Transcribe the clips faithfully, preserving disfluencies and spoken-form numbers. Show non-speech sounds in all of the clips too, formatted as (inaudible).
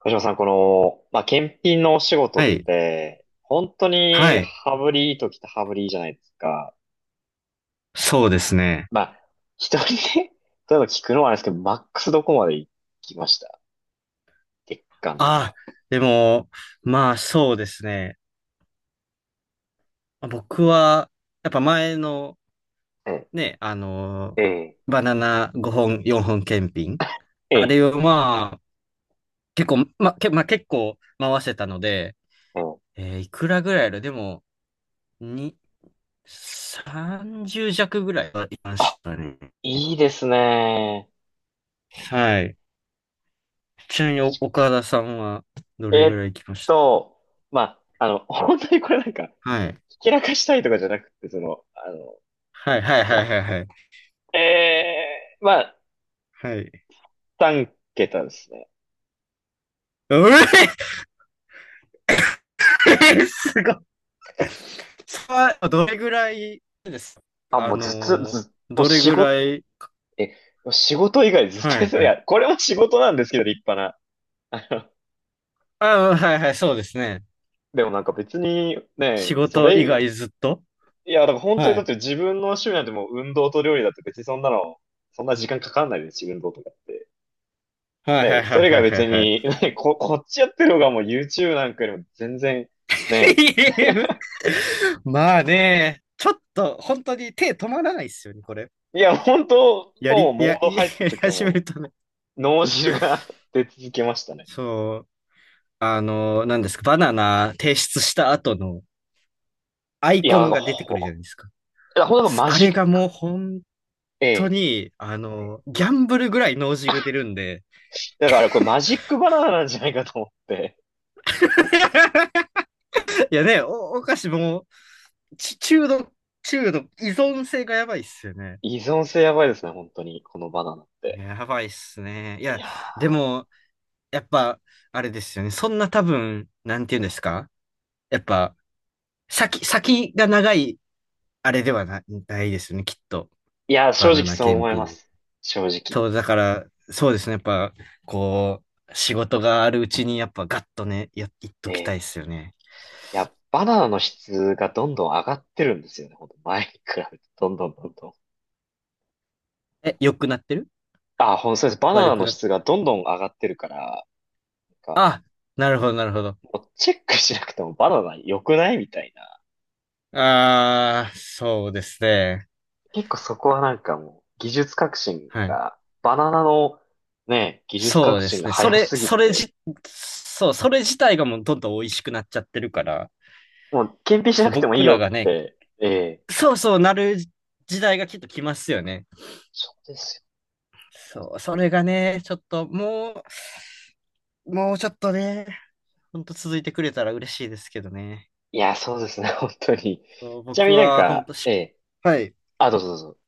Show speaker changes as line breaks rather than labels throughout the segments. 小島さん、この、まあ、検品のお仕事
は
っ
い。
て、本当
は
に
い。
羽振りいい時って羽振りいいじゃないですか。
そうですね。
まあ、一人で、(laughs) 例えば聞くのはあれですけど、マックスどこまで行きました、月間と
あ
か？
あ、でも、まあそうですね。僕は、やっぱ前の
え
ね、あの、
え、ええ、
バナナごほん、よんほん検品。
え
あ
え、
れをまあ、結構、ま、け、まあ、結構回せたので、
うん。
えーいくらぐらいあるでも、に、さんじゅう弱ぐらいはいま
あ、
したね。
いいですね。
はい。ちなみにお岡田さんはどれ
え
ぐ
っ
らい行きましたか？
と、まあ、あの、(laughs) 本当にこれなんか、
はい。
ひけらかしたいとかじゃなくて、その、あの、
はいはい
ま
はい
あ、
はいはい。
ええ、まあ、
はい。
さん桁ですね。
うええすごい。さあ、どれぐらいです？
あ、
あ
もうずっと、
のー、
ずっもう
どれ
仕
ぐ
事、
らい。
え、仕事以外ずっと
は
やって
い
た。い
はい。
や、これも仕事なんですけど、立派な。あの
あ、はいはい、そうですね。
でもなんか別に
仕
ね、そ
事以
れ、
外ずっと。
いや、だから本当に
は
だっ
い
て自分の趣味なんてもう運動と料理だって別にそんなの、そんな時間かかんないですし、運動とかって。
はいはい
ね、
は
そ
い
れ
は
が
いはい
別
はい。
に、(laughs) ね、こ、こっちやってる方がもう YouTube なんかよりも全然、ね、
(laughs) まあね、ちょっと本当に手止まらないですよね、これ。
いや、本当
や
もう
り、
モー
や、(laughs)
ド入った
やり
時は
始め
も
るとね。
う、脳汁が (laughs) 出続けましたね。
そう、あの何ですか、バナナ提出した後のアイ
い
コ
や、なん
ン
か
が出てく
ほ、
る
ほ
じ
ん
ゃないですか。
となんかマ
あ
ジッ
れがも
ク、
う本当
え
に、あ
え。
の、ギャンブルぐらい脳汁出るんで。
だからこれマジックバナナなんじゃないかと思って。
いやね、お、お菓子もう、ち中毒、中毒、依存性がやばいっすよね。
依存性やばいですね、本当に。このバナナって。
やばいっすね。い
い
や、
やー、
でも、やっぱ、あれですよね。そんな多分、なんて言うんですか？やっぱ、先、先が長い、あれではな、ないですよね、きっと。
いやー、正
バナ
直
ナ
そう
検
思いま
品。
す。正直。
そう、だから、そうですね。やっぱ、こう、仕事があるうちに、やっぱ、ガッとね、や、いっと
え
きたいっ
え、
すよね。
いや、バナナの質がどんどん上がってるんですよね、本当前に比べて。どんどんどんどん。
え、良くなってる？
あ、ほんとそうです。バナ
悪
ナ
く
の
なっ、
質がどんどん上がってるから、なんか、
あ、なるほど、なるほど。
もうチェックしなくてもバナナ良くないみたいな。
あー、そうですね。
結構そこはなんかもう、技術革新
はい。
が、バナナのね、技術
そ
革
うで
新
す
が
ね。そ
早
れ、
すぎ
それ
て、
じ、そう、それ自体がもうどんどん美味しくなっちゃってるから、
もう、検品しな
そう、
くてもいい
僕
よ
らが
っ
ね、
て。ええ。
そうそうなる時代がきっと来ますよね。
そうですよ。
そう、それがね、ちょっともう、もうちょっとね、ほんと続いてくれたら嬉しいですけどね。
いや、そうですね、(laughs) 本当に。
そう
ちなみ
僕
になん
はほん
か、
と
え
し、
え。
はい。
あ、どうぞどうぞ。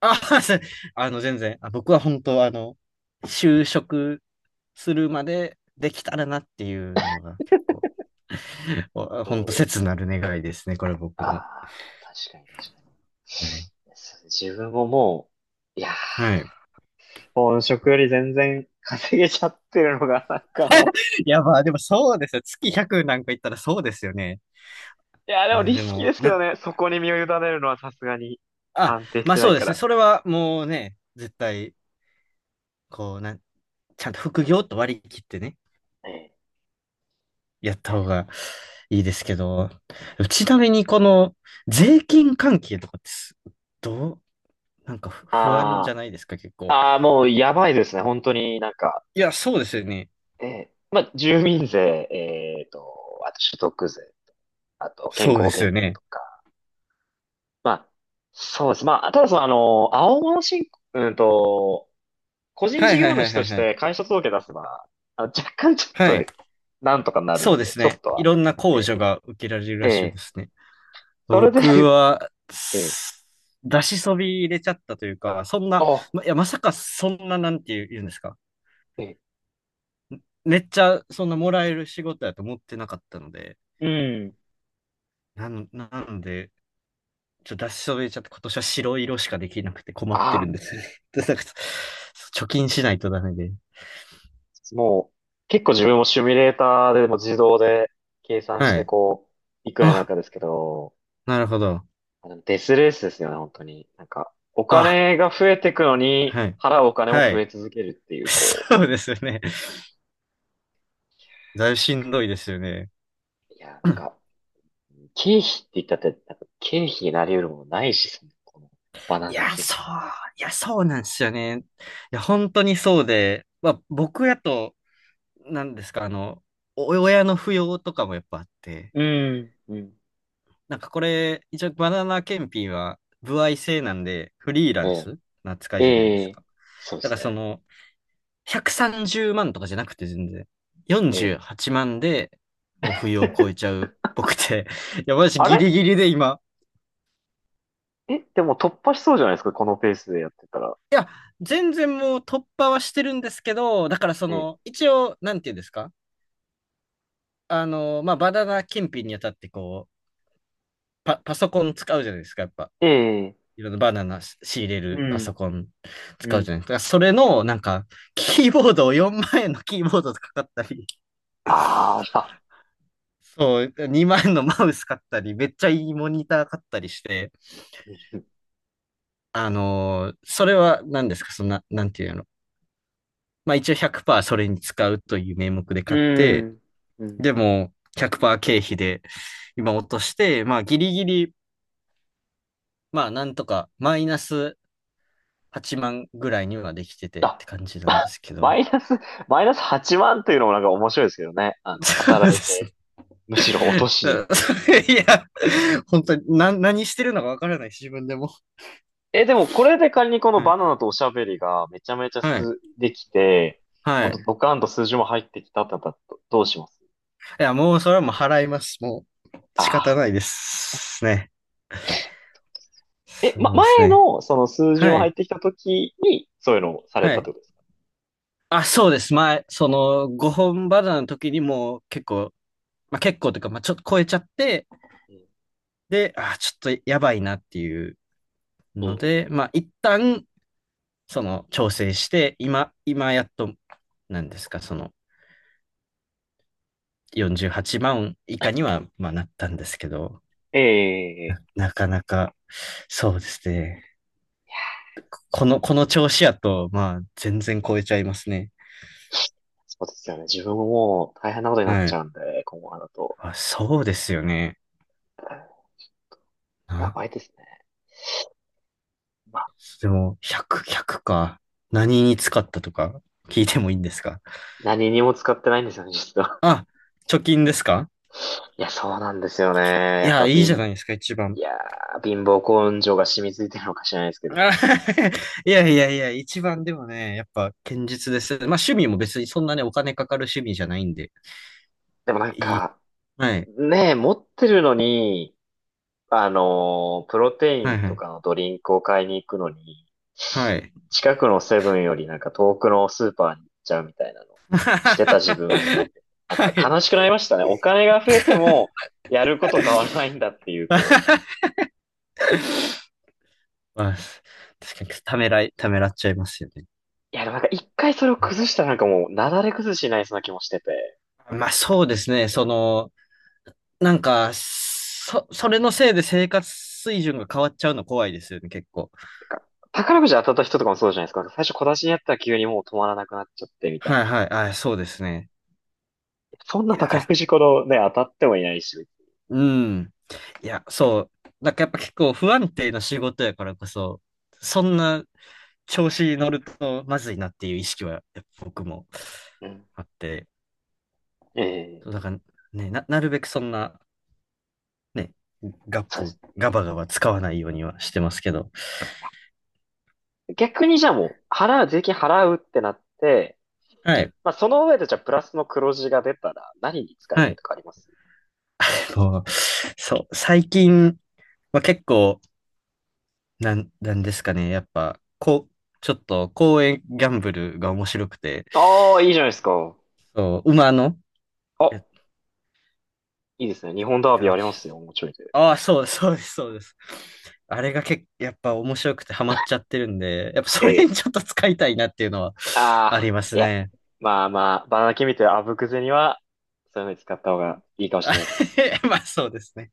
あ、(laughs) すあの、全然、あ、僕は本当あの、就職するまでできたらなっていうのが結構、本ほん
そう
と
です
切な
ね。
る願いですね、これ僕
あ
の。
あ、確かに確かに。
はい。
そう自分ももう、いやー、
はい。
本職より全然稼げちゃってるのが、なんかも
いや、まあでもそうですよ。月ひゃくなんか言ったらそうですよね。
う。いやー、でも
あ、
リ
で
スキーで
も、
すけど
な、
ね、そこに身を委ねるのはさすがに
あ、
安定し
まあ
てな
そ
い
うで
か
すね。
ら。
それはもうね、絶対、こう、なん、ちゃんと副業と割り切ってね、
ええ。
やった方がいいですけど、ちなみにこの税金関係とかってす、どう、なんかふ不安じ
あ
ゃないですか、結
あ、
構。
ああ、もうやばいですね、本当になんか。
いや、そうですよね。
ええ、まあ、住民税、えっと、あと所得税、あと健
そ
康
うで
保
す
険
よ
料
ね。
とか、まあ、そうです。まあ、ただその、あの、青物申告、うんと、個人
はい
事
はい
業
はい
主
は
と
い
し
はい。
て会社届け出せば、あの若干ちょっ
は
と、
い。
なんとかなる
そう
ん
で
で、
す
ちょ
ね。
っと
い
は。
ろんな控
え
除が受けられる
え、え
らしいで
え、
すね。
それで、
僕は、
(laughs) ええ、
す出しそび入れちゃったというか、そんな、
あ、
ま、いや、まさかそんな、なんていう言うんですか？
ええ、
めっちゃ、そんなもらえる仕事やと思ってなかったので、
うん、
なん、なんで、ちょっと出しそびれちゃって、今年は白色しかできなくて困ってるん
あ
ですよね。(laughs) でなんか貯金しないとダメで。
あ、もう、結構自分もシミュレーターでも自動で計算し
は
て、
い。
こう、いくらになる
あ、
かですけど、
なるほど。
デスレースですよね、本当に。なんか、お
あ、
金が増えてくのに、
はい。
払うお金も
は
増え
い。
続けるってい
(laughs)
う、こ
そうですよね。だいぶしんどいですよね。
う、いや、な
う
ん
ん。
か、経費って言ったって、なんか経費になり得るものないし、その、この、バナ
い
ナ
や、
検
そう、
品。
いや、そうなんですよね。いや、本当にそうで、まあ、僕やと、なんですか、あの、お親の扶養とかもやっぱあって、
うん、うん。
なんかこれ、一応バナナ検品は、歩合制なんで、フリーラ
え
ン
え、
スな扱いじゃないで
え
す
え、
か。
そうで
だか
す
らそ
ね。
の、ひゃくさんじゅうまんとかじゃなくて全然、
え
48
え。
万でもう扶養を超えち
(laughs)
ゃう僕って、いや、私
あ
ギリ
れ
ギリで今、
え、でも突破しそうじゃないですか、このペースでやってたら。
いや、全然もう突破はしてるんですけど、だからその、
え
一応、なんていうんですか？あの、まあ、バナナ検品にあたってこう、パ、パソコン使うじゃないですか、やっぱ。
え、ええ、
いろんなバナナし仕入れ
う
るパソ
ん、
コン
う
使うじゃ
ん、
ないですか。それの、なんか、キーボードをよんまん円のキーボードとか買ったり、
あーあ、
そう、にまん円のマウス買ったり、めっちゃいいモニター買ったりして、
(laughs) うん、
あのーそれは何ですか、そんな、なんていうの。まあ一応ひゃくパーセントそれに使うという名目で
う
買って、
ん。う
で
ん、
も、ひゃくパーセント経費で、今落として、まあ、ギリギリ、まあ、なんとか、マイナスはちまんぐらいにはできててって
あ、
感じなんで
(laughs)
すけ
マ
ど。
イナス、マイナスはちまんというのもなんか面白いですけどね。あの、
そうで
働い
すね。
て、むしろ落としに行ってるっていう。
(laughs) いや、本当に、な、何してるのかわからない、自分でも。
え、でもこれで仮にこの
はい。
バナナとおしゃべりがめちゃめちゃ
はい。
す、できて、ほ
は
ん
い。
とドカンと数字も入ってきたってなったら、どどうします？
いや、もう、それはもう払います。もう、
あ
仕方な
あ。
いですね。
え、
そ
ま、
うです
前
ね。
のその数字
は
も入っ
い。
てきた時に、そういうのをされ
は
たっ
い。
てことですか？
あ、そうです。前、その、ごほんバナナの時にもう結構、まあ、結構というか、まあ、ちょっと超えちゃって、
うん、
で、あー、ちょっとやばいなっていう
う
ので、
ん、
まあ、一旦、その、調整して、今、今やっと、なんですか、その、よんじゅうはちまん以下には、まあ、なったんですけど、
え
な、
え、ええ、
なかなか、そうですね。この、この調子やと、まあ、全然超えちゃいますね。
そうですよね。自分ももう大変なことになっ
は
ちゃ
い。
うんで、今後だと。
あ、そうですよね。
や
な
ばいですね。まあ、
でも、ひゃく、ひゃくか。何に使ったとか、聞いてもいいんですか？
何にも使ってないんですよね、実は。
あ、貯金ですか？
(laughs) いや、そうなんですよね。
い
やっ
や、
ぱ、
いいじゃ
貧、
ないですか、一
い
番。
やー、貧乏根性が染みついてるのか知らないですけ
あ
ど。
(laughs) いやいやいや、一番でもね、やっぱ堅実です。まあ趣味も別にそんなね、お金かかる趣味じゃないんで。
でもなんか、
はい。
ねえ、持ってるのに、あのープロテイ
はい
ン
は
と
い。
かのドリンクを買いに行くのに、
はい。
近くのセブンよりなんか遠くのスーパーに行っちゃうみたいなのをしてた自分を見
(laughs)
て、なん
は
か
い。
悲しくなりましたね。お金が増えても、やること変わらないんだっていう、こう。
(laughs) まあ、確かにためらい、ためらっちゃいますよね。
いや、でもなんか一回それを崩したらなんかもう、なだれ崩しになりそうな気もしてて。
まあそうですね、その、なんか、そ、それのせいで生活水準が変わっちゃうの怖いですよね、結構。
なんか宝くじ当たった人とかもそうじゃないですか。最初小出しにやったら急にもう止まらなくなっちゃってみたい
はい
な。
はい。あ、そうですね。
そん
い
な
や、
宝くじこのね、当たってもいないし。
うん。いや、そう。なんかやっぱ結構不安定な仕事やからこそ、そんな調子に乗るとまずいなっていう意識はやっぱ僕も
うん。
あって、そうだ
ええ、
からね、な、なるべくそんな、ね、ガッ
そうで
プ、
す
ガバガバ使わないようにはしてますけど。
ね。逆にじゃあもう、払う、税金払うってなって、
はい。
まあその上でじゃあプラスの黒字が出たら何に使い
は
たい
い。
とかあります？
でもそう、最近は結構、なん、なんですかね、やっぱ、こう、ちょっと公園ギャンブルが面白くて、
ああー、いいじゃないですか。
そう、馬の、
あ、
え、
いいですね。日本
て
ダービー
か、
ありますよ、もうちょいで。
ああ、そうです、そうです、そうです。あれが結構、やっぱ面白くてハマっちゃってるんで、やっぱそれ
ええ、
にちょっと使いたいなっていうのはあ
あ
り
あ、
ます
いや。
ね。
まあまあ、バナナ君みたいなあぶくぜには、そういうのに使った方がいいかもし
あ
れないですね。
(laughs) まあそうですね。